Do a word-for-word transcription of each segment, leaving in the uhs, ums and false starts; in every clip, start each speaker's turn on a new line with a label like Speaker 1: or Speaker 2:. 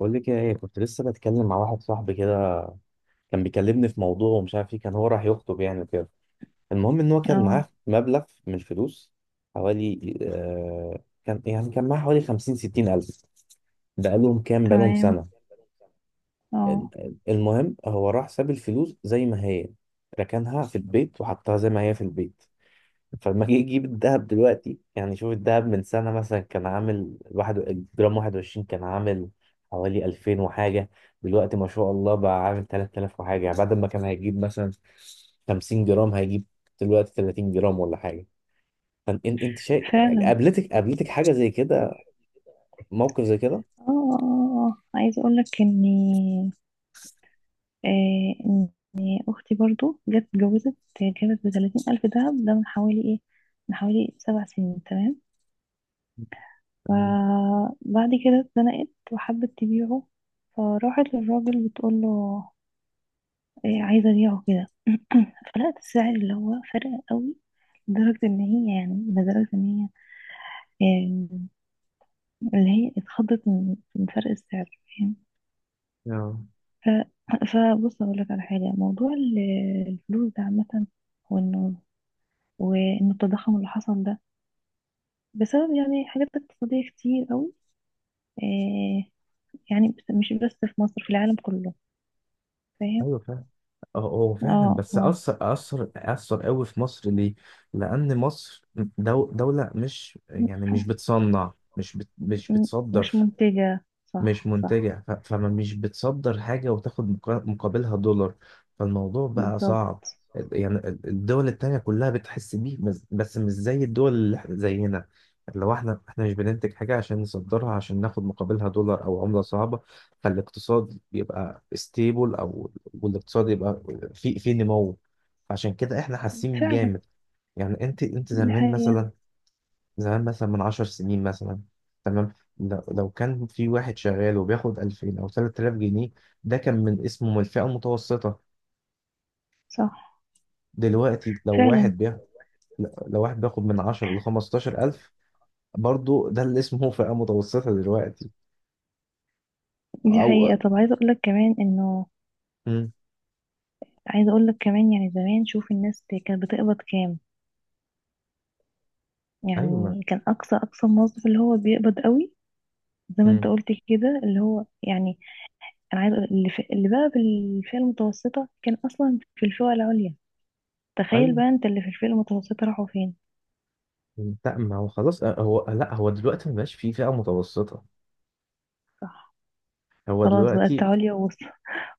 Speaker 1: بقول لك ايه، كنت لسه بتكلم مع واحد صاحبي كده. كان بيكلمني في موضوع، ومش عارف ايه، كان هو راح يخطب يعني وكده. المهم ان هو كان
Speaker 2: اه
Speaker 1: معاه مبلغ من الفلوس. حوالي آه كان يعني كان معاه حوالي خمسين ستين الف. بقالهم كام بقالهم
Speaker 2: تمام.
Speaker 1: سنة.
Speaker 2: اه
Speaker 1: المهم هو راح ساب الفلوس زي ما هي، ركنها في البيت وحطها زي ما هي في البيت. فلما جه يجيب الذهب دلوقتي، يعني شوف الذهب من سنة مثلا، كان عامل واحد الجرام واحد وعشرين، كان عامل حوالي ألفين وحاجة. دلوقتي ما شاء الله بقى عامل تلات آلاف وحاجة، يعني بعد ما كان هيجيب مثلا خمسين جرام، هيجيب دلوقتي تلاتين جرام ولا حاجة. فانت انت شايف؟
Speaker 2: فعلا.
Speaker 1: قابلتك قابلتك حاجة زي كده؟ موقف زي كده؟
Speaker 2: اه اه اه اه. عايزه اقول لك اني آه ان اختي برضو جت اتجوزت. جابت بتلاتين الف دهب ده من حوالي ايه من حوالي سبع سنين. تمام.
Speaker 1: يعني-
Speaker 2: فبعد كده اتزنقت وحبت تبيعه، فراحت للراجل بتقول له، إيه عايزه ابيعه كده. فلقت السعر اللي هو فرق قوي، لدرجه ان هي يعني لدرجه ان هي آه، اللي هي اتخضت من من فرق السعر. فاهم؟
Speaker 1: آه.
Speaker 2: ف... فبص اقول لك على حاجه، موضوع ال- الفلوس ده عامه، وانه وان التضخم اللي حصل ده بسبب يعني حاجات اقتصاديه كتير قوي. آه يعني بس- مش بس في مصر، في العالم كله. فاهم؟
Speaker 1: ايوه، اه هو
Speaker 2: اه
Speaker 1: فعلا، بس
Speaker 2: اه.
Speaker 1: أثر أثر أثر قوي في مصر ليه؟ لأن مصر دو دولة مش
Speaker 2: م-
Speaker 1: يعني مش بتصنع، مش بت مش
Speaker 2: م- مش
Speaker 1: بتصدر.
Speaker 2: منتجه.
Speaker 1: مش
Speaker 2: صح صح.
Speaker 1: منتجع، ف- فما مش بتصدر حاجة وتاخد مقا- مقابلها دولار. فالموضوع بقى
Speaker 2: بالظبط.
Speaker 1: صعب. ال- يعني ال- الدول التانية كلها بتحس بيه، بس بس مش زي الدول اللي إحنا- زينا. لو احنا احنا مش بننتج حاجة عشان نصدرها، عشان ناخد مقابلها دولار او عملة صعبة. فالاقتصاد يبقى ستيبل، او والاقتصاد يبقى في في نمو. عشان كده احنا حاسين
Speaker 2: فعلا.
Speaker 1: بجامد. يعني انت انت
Speaker 2: دي
Speaker 1: زمان
Speaker 2: حقيقه.
Speaker 1: مثلا، زمان مثلا من عشر سنين مثلا. تمام. لو لو كان في واحد شغال وبياخد ألفين أو ثلاث آلاف جنيه، ده كان من اسمه من الفئة المتوسطة.
Speaker 2: صح.
Speaker 1: دلوقتي لو
Speaker 2: فعلا.
Speaker 1: واحد بياخد لو واحد بياخد من عشرة ل خمستاشر ألف، برضه ده اللي اسمه فئة متوسطة دلوقتي.
Speaker 2: دي
Speaker 1: أو
Speaker 2: حقيقه. طب عايزه اقول لك كمان انه
Speaker 1: مم.
Speaker 2: عايزه اقول لك كمان يعني زمان شوف الناس كانت بتقبض كام.
Speaker 1: أيوة ما-
Speaker 2: يعني كان اقصى اقصى موظف اللي هو بيقبض قوي زي ما انت
Speaker 1: مم.
Speaker 2: قلت كده، اللي هو يعني، انا عايز أقول- اللي, في اللي بقى بالفئة المتوسطة كان اصلا في الفئة العليا. تخيل
Speaker 1: أيوه،
Speaker 2: بقى انت اللي في الفئة المتوسطة راحوا فين.
Speaker 1: لا ما هو خلاص، آه، هو، لا هو دلوقتي ما بقاش في فئة متوسطة.
Speaker 2: صح.
Speaker 1: هو
Speaker 2: خلاص بقت
Speaker 1: دلوقتي.
Speaker 2: عليا ووسط،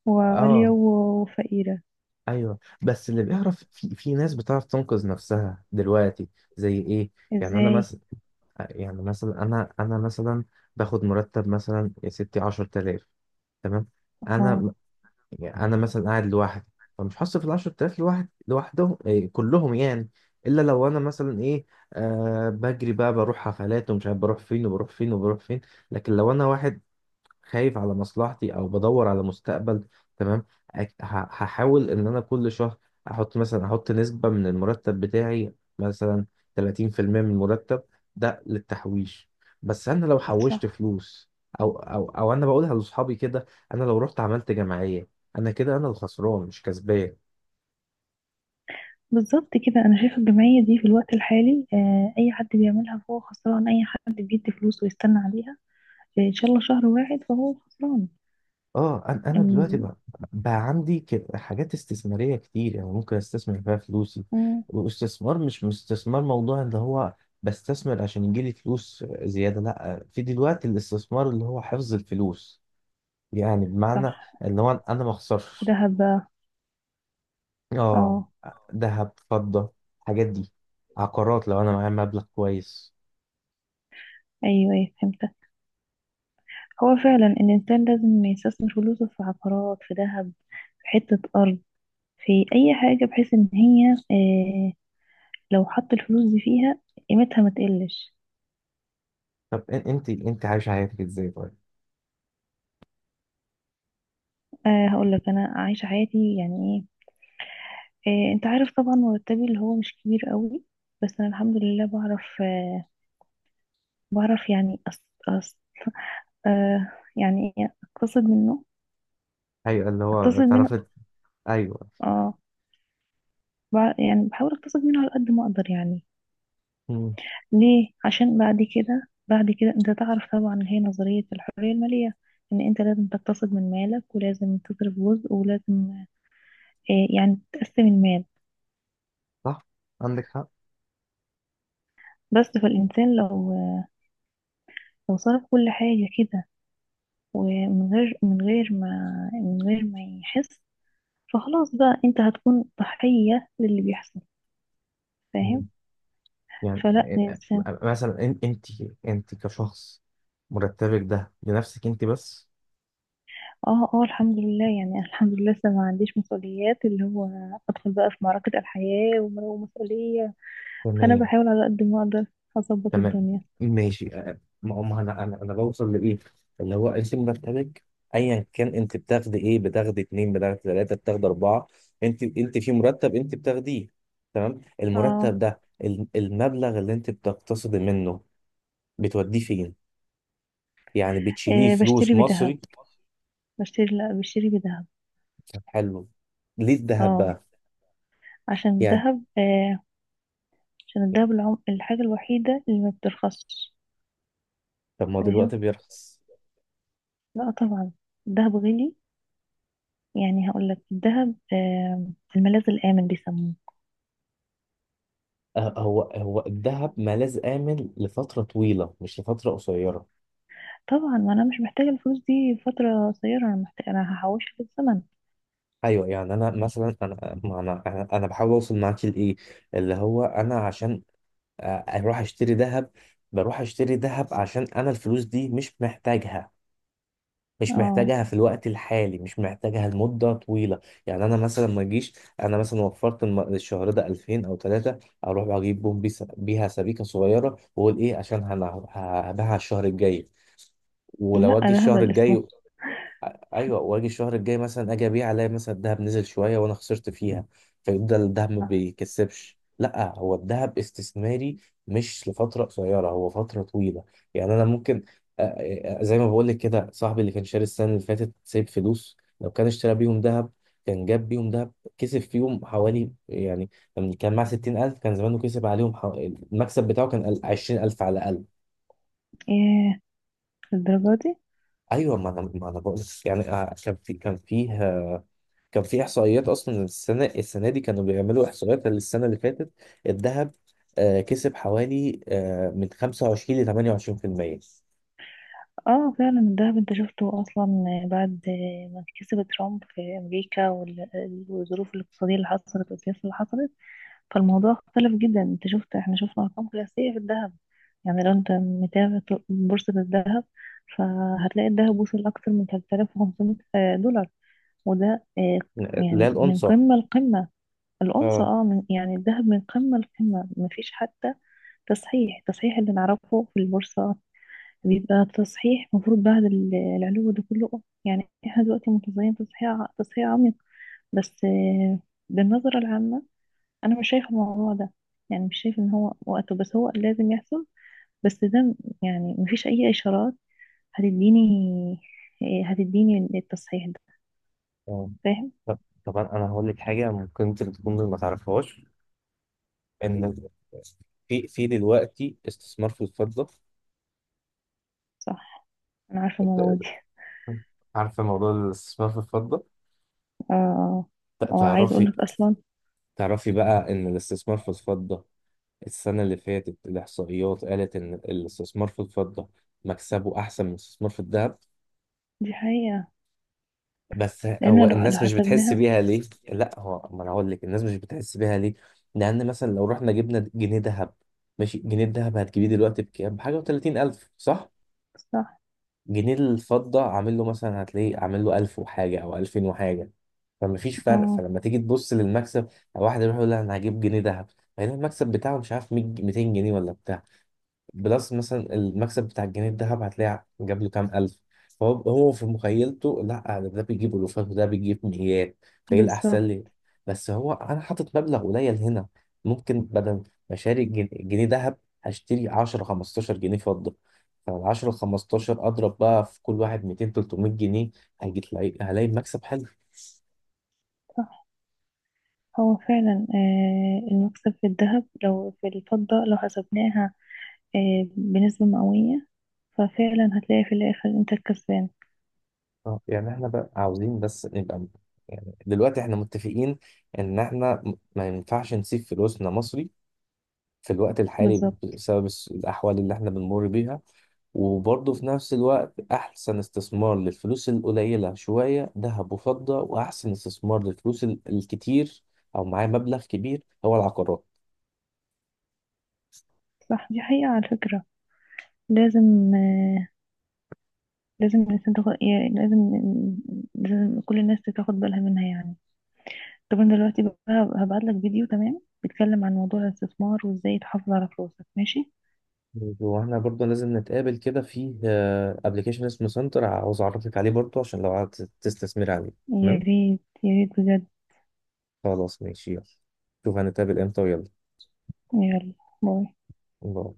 Speaker 2: وعليا
Speaker 1: اه
Speaker 2: و- وفقيرة.
Speaker 1: ايوه، بس اللي بيعرف، في في ناس بتعرف تنقذ نفسها دلوقتي. زي ايه؟ يعني انا
Speaker 2: ازاي؟
Speaker 1: مثلا يعني مثلا انا انا مثلا باخد مرتب مثلا يا ستي عشرة آلاف. تمام.
Speaker 2: اه.
Speaker 1: انا يعني انا مثلا قاعد لوحدي. فمش هصرف ال عشرة آلاف لوحد لوحدهم إيه كلهم يعني. الا لو انا مثلا ايه، آه بجري بقى، بروح حفلات ومش عارف بروح فين وبروح فين وبروح فين. لكن لو انا واحد خايف على مصلحتي، او بدور على مستقبل. تمام. أك- ه- هحاول ان انا كل شهر احط مثلا احط نسبة من المرتب بتاعي. مثلا تلاتين في المية من المرتب، ده للتحويش. بس انا لو حوشت
Speaker 2: صح.
Speaker 1: فلوس، او او او انا بقولها لاصحابي كده، انا لو رحت عملت جمعية، انا كده انا الخسران مش كسبان.
Speaker 2: بالظبط كده، انا شايفة الجمعية دي في الوقت الحالي آه، اي حد بيعملها فهو خسران. اي حد بيدي فلوس ويستنى عليها ان شاء الله شهر واحد فهو خسران.
Speaker 1: اه، انا انا دلوقتي
Speaker 2: أم-
Speaker 1: بقى، بقى عندي ك- حاجات استثماريه كتير، يعني ممكن استثمر فيها فلوسي.
Speaker 2: أم،
Speaker 1: واستثمار مش استثمار موضوع اللي هو بستثمر عشان يجيلي فلوس زياده. لا، في دلوقتي الاستثمار اللي هو حفظ الفلوس. يعني
Speaker 2: صح.
Speaker 1: بمعنى، اللي هو انا ما اخسرش.
Speaker 2: دهب بقى.
Speaker 1: اه،
Speaker 2: اه.
Speaker 1: ذهب، فضه، الحاجات دي، عقارات لو انا معايا مبلغ كويس.
Speaker 2: ايوه ايوه فهمتك. هو فعلا الانسان لازم يستثمر فلوسه في عقارات، في ذهب، في حتة ارض، في اي حاجة، بحيث ان هي آه لو حط الفلوس دي فيها قيمتها ما تقلش.
Speaker 1: طب إن- انت انت عايش حياتك ازاي طيب؟
Speaker 2: آه هقول لك انا عايشة حياتي يعني ايه آه انت عارف طبعا مرتبي اللي هو مش كبير قوي، بس انا الحمد لله بعرف، آه بعرف يعني أص أص آه يعني ايه اقتصد منه،
Speaker 1: ايوه، اللي هو
Speaker 2: اقتصد منه.
Speaker 1: اتعرفت. ايوه.
Speaker 2: اه بع- يعني بحاول اقتصد منه على قد ما اقدر يعني.
Speaker 1: مم.
Speaker 2: ليه؟ عشان بعد كده، بعد كده، انت تعرف طبعا اللي هي نظرية الحرية المالية، ان انت لازم تقتصد من مالك ولازم تصرف جزء ولازم، آه، يعني تقسم المال.
Speaker 1: صح. عندك
Speaker 2: بس فالإنسان لو لو صرف كل حاجة كده ومن غير من غير ما من غير ما يحس، فخلاص بقى انت هتكون ضحية للي بيحصل. فاهم؟
Speaker 1: حق يعني.
Speaker 2: فلا
Speaker 1: آه،
Speaker 2: الإنسان.
Speaker 1: آه، مثلا انت انت انت كشخص، مرتبك ده لنفسك انت بس.
Speaker 2: اه اه الحمد لله يعني أنا الحمد لله لسه ما عنديش مسؤوليات، اللي هو أدخل بقى في معركة الحياة ومسؤولية. فانا
Speaker 1: تمام،
Speaker 2: بحاول على قد ما اقدر اظبط
Speaker 1: تمام،
Speaker 2: الدنيا.
Speaker 1: ماشي. أه، ما ما انا انا انا بوصل لايه؟ اللي هو انت مرتبك، ايا كان انت بتاخدي ايه، بتاخدي اتنين، بتاخدي تلاته، بتاخدي اربعه. انت انت في مرتب انت بتاخديه. تمام.
Speaker 2: اه.
Speaker 1: المرتب ده، ال- المبلغ اللي انت بتقتصدي منه، بتوديه فين؟ يعني بتشيليه
Speaker 2: إيه
Speaker 1: فلوس
Speaker 2: بشتري بذهب.
Speaker 1: مصري؟
Speaker 2: بشتري لا، بشتري بذهب.
Speaker 1: طب حلو، ليه الذهب
Speaker 2: اه،
Speaker 1: بقى؟
Speaker 2: عشان
Speaker 1: يعني،
Speaker 2: الذهب، آه عشان الذهب العم... الحاجة الوحيدة اللي ما بترخصش.
Speaker 1: طب ما هو
Speaker 2: فاهم؟
Speaker 1: دلوقتي بيرخص.
Speaker 2: لا طبعا الذهب غالي. يعني هقول لك الذهب آه الملاذ الآمن بيسموه.
Speaker 1: آه، هو هو الذهب ملاذ آمن لفترة طويلة، مش لفترة قصيرة.
Speaker 2: طبعا، ما انا مش محتاجة الفلوس دي فترة قصيرة، انا محتاجة، انا هحوشها في الزمن.
Speaker 1: أيوة، يعني أنا مثلا، أنا ما أنا أنا أنا بحاول أوصل معاك لإيه؟ اللي هو أنا عشان آه، أروح أشتري ذهب، بروح أشتري ذهب عشان أنا الفلوس دي مش محتاجها. مش
Speaker 2: اه.
Speaker 1: محتاجها في الوقت الحالي، مش محتاجها لمدة طويلة. يعني أنا مثلا ما أجيش، أنا مثلا وفرت الم- الشهر ده ألفين أو تلاتة، أروح أجيب بوم بيس- بيها سبيكة صغيرة، وأقول إيه، عشان هن- هبيعها الشهر الجاي. ولو
Speaker 2: لا
Speaker 1: اجي
Speaker 2: ده
Speaker 1: الشهر
Speaker 2: هبل اسمه.
Speaker 1: الجاي، ايوه، واجي الشهر الجاي مثلا، اجي ابيع الاقي مثلا الذهب نزل شويه وانا خسرت فيها. فيفضل الذهب ما
Speaker 2: صح.
Speaker 1: بيكسبش، لا هو الذهب استثماري، مش لفتره قصيره، هو فتره طويله. يعني انا ممكن، آه، آه، زي ما بقول لك كده، صاحبي اللي كان شاري السنه اللي فاتت سايب فلوس، لو كان اشترى بيهم ذهب، كان جاب بيهم ذهب، كسب فيهم حوالي يعني. لما كان معاه ستين ألف، كان زمانه كسب عليهم حو... المكسب بتاعه كان عشرين ألف على الاقل.
Speaker 2: ايه الدرجة دي؟
Speaker 1: ايوه، ما انا ما انا بقول يعني، آه، كان في كان فيه كان في احصائيات اصلا. السنه السنه دي كانوا بيعملوا احصائيات للسنه اللي فاتت. الذهب آه، كسب حوالي آه، من خمسة وعشرين ل تمانية وعشرين في المية.
Speaker 2: اه فعلا الذهب انت شفته اصلا بعد ما كسب ترامب في امريكا وال- والظروف الاقتصادية اللي حصلت والسياسة اللي حصلت، فالموضوع اختلف جدا. انت شفت، احنا شفنا ارقام قياسية في الذهب. يعني لو انت متابع ط- بورصة الذهب فهتلاقي الذهب وصل اكتر من ثلاثة آلاف وخمسمائة دولار. وده آه،
Speaker 1: لا،
Speaker 2: يعني من
Speaker 1: الأونصة.
Speaker 2: قمة لقمة. الأونصة.
Speaker 1: اه
Speaker 2: اه، من يعني الذهب من قمة لقمة مفيش حتى تصحيح. التصحيح اللي نعرفه في البورصة بيبقى التصحيح المفروض بعد ال- العلو ده كله، آه، يعني احنا دلوقتي متظاهرين تصحيح ع- تصحيح عميق. بس، آه، بالنظرة العامة، أنا مش شايفة الموضوع ده، يعني مش شايفة إن هو وقته، بس هو لازم يحصل. بس ده م- يعني مفيش أي إشارات هتديني آه، هتديني التصحيح ده.
Speaker 1: آه.
Speaker 2: فاهم؟
Speaker 1: طب طب انا أنا هقول لك حاجه ممكن انت تكون ما تعرفهاش، ان في في دلوقتي استثمار في الفضة.
Speaker 2: صح. أنا عارفة الموضوع دي.
Speaker 1: عارفه موضوع الاستثمار في الفضه.
Speaker 2: اه آه.
Speaker 1: ت-
Speaker 2: وعايز
Speaker 1: تعرفي
Speaker 2: أقولك أصلا،
Speaker 1: تعرفي بقى إن الاستثمار في الفضة، السنة اللي فاتت الإحصائيات قالت إن الاستثمار في الفضة مكسبه أحسن من الاستثمار في الذهب.
Speaker 2: دي حقيقة.
Speaker 1: بس هو
Speaker 2: لأن لو لو
Speaker 1: الناس مش بتحس
Speaker 2: حسبناها.
Speaker 1: بيها ليه؟ لا، هو ما أنا هقول لك الناس مش بتحس بيها ليه. لأن مثلا لو رحنا جبنا جنيه ذهب، ماشي، جنيه الذهب هتجيبيه دلوقتي بكام؟ بحاجة وتلاتين ألف صح؟
Speaker 2: صح.
Speaker 1: جنيه الفضة عامل له مثلا، هتلاقيه عامل له ألف وحاجة أو ألفين وحاجة. فمفيش فرق.
Speaker 2: اه.
Speaker 1: فلما تيجي تبص للمكسب، واحد يروح يقول لها أنا هجيب جنيه ذهب، هيلاقي المكسب بتاعه مش عارف مية ميتين جنيه ولا بتاع. بلس مثلا المكسب بتاع الجنيه الذهب، هتلاقي جاب له كام ألف. فهو هو في مخيلته لا أنا ده بيجيب ألوفات وده بيجيب مئات. فإيه الأحسن
Speaker 2: بالظبط.
Speaker 1: لي؟ بس هو أنا حاطط مبلغ قليل هنا، ممكن بدل ما أشتري جن- جنيه ذهب، هشتري عشرة خمستاشر جنيه فضة. فال العشرة خمستاشر أضرب بقى في كل واحد ميتين تلتمية جنيه، هيجي تلاقي هلاقي مكسب حلو.
Speaker 2: صح. هو فعلا آه، المكسب في الذهب، لو في الفضة لو حسبناها آه، بنسبة مئوية، ففعلا هتلاقي في الآخر انت الكسبان.
Speaker 1: آه، يعني احنا بقى عاوزين بس نبقى، يعني دلوقتي احنا متفقين ان احنا م- ما ينفعش نسيب فلوسنا مصري في الوقت الحالي
Speaker 2: بالظبط.
Speaker 1: بسبب الس- الأحوال اللي احنا بنمر بيها. وبرضه في نفس الوقت أحسن استثمار للفلوس القليلة شوية ذهب وفضة، وأحسن استثمار للفلوس ال- الكتير أو معايا مبلغ كبير هو العقارات.
Speaker 2: صح دي حقيقة، على فكرة لازم، آه، لازم الإنسان تاخد يعني، لازم لازم كل الناس تاخد بالها منها يعني. طب أنا دلوقتي بقى هبعت لك فيديو، تمام، بيتكلم عن موضوع الاستثمار وازاي تحافظ على فلوسك، ماشي؟
Speaker 1: واحنا برضه لازم نتقابل كده في ابلكيشن اسمه سنتر، عاوز أعرفك عليه برضه عشان لو عايز تستثمر عليه.
Speaker 2: يا
Speaker 1: تمام،
Speaker 2: ريت يا ريت بجد.
Speaker 1: خلاص ماشي، يلا، شوف هنتقابل امتى ويلا.
Speaker 2: يلا، باي.
Speaker 1: باي.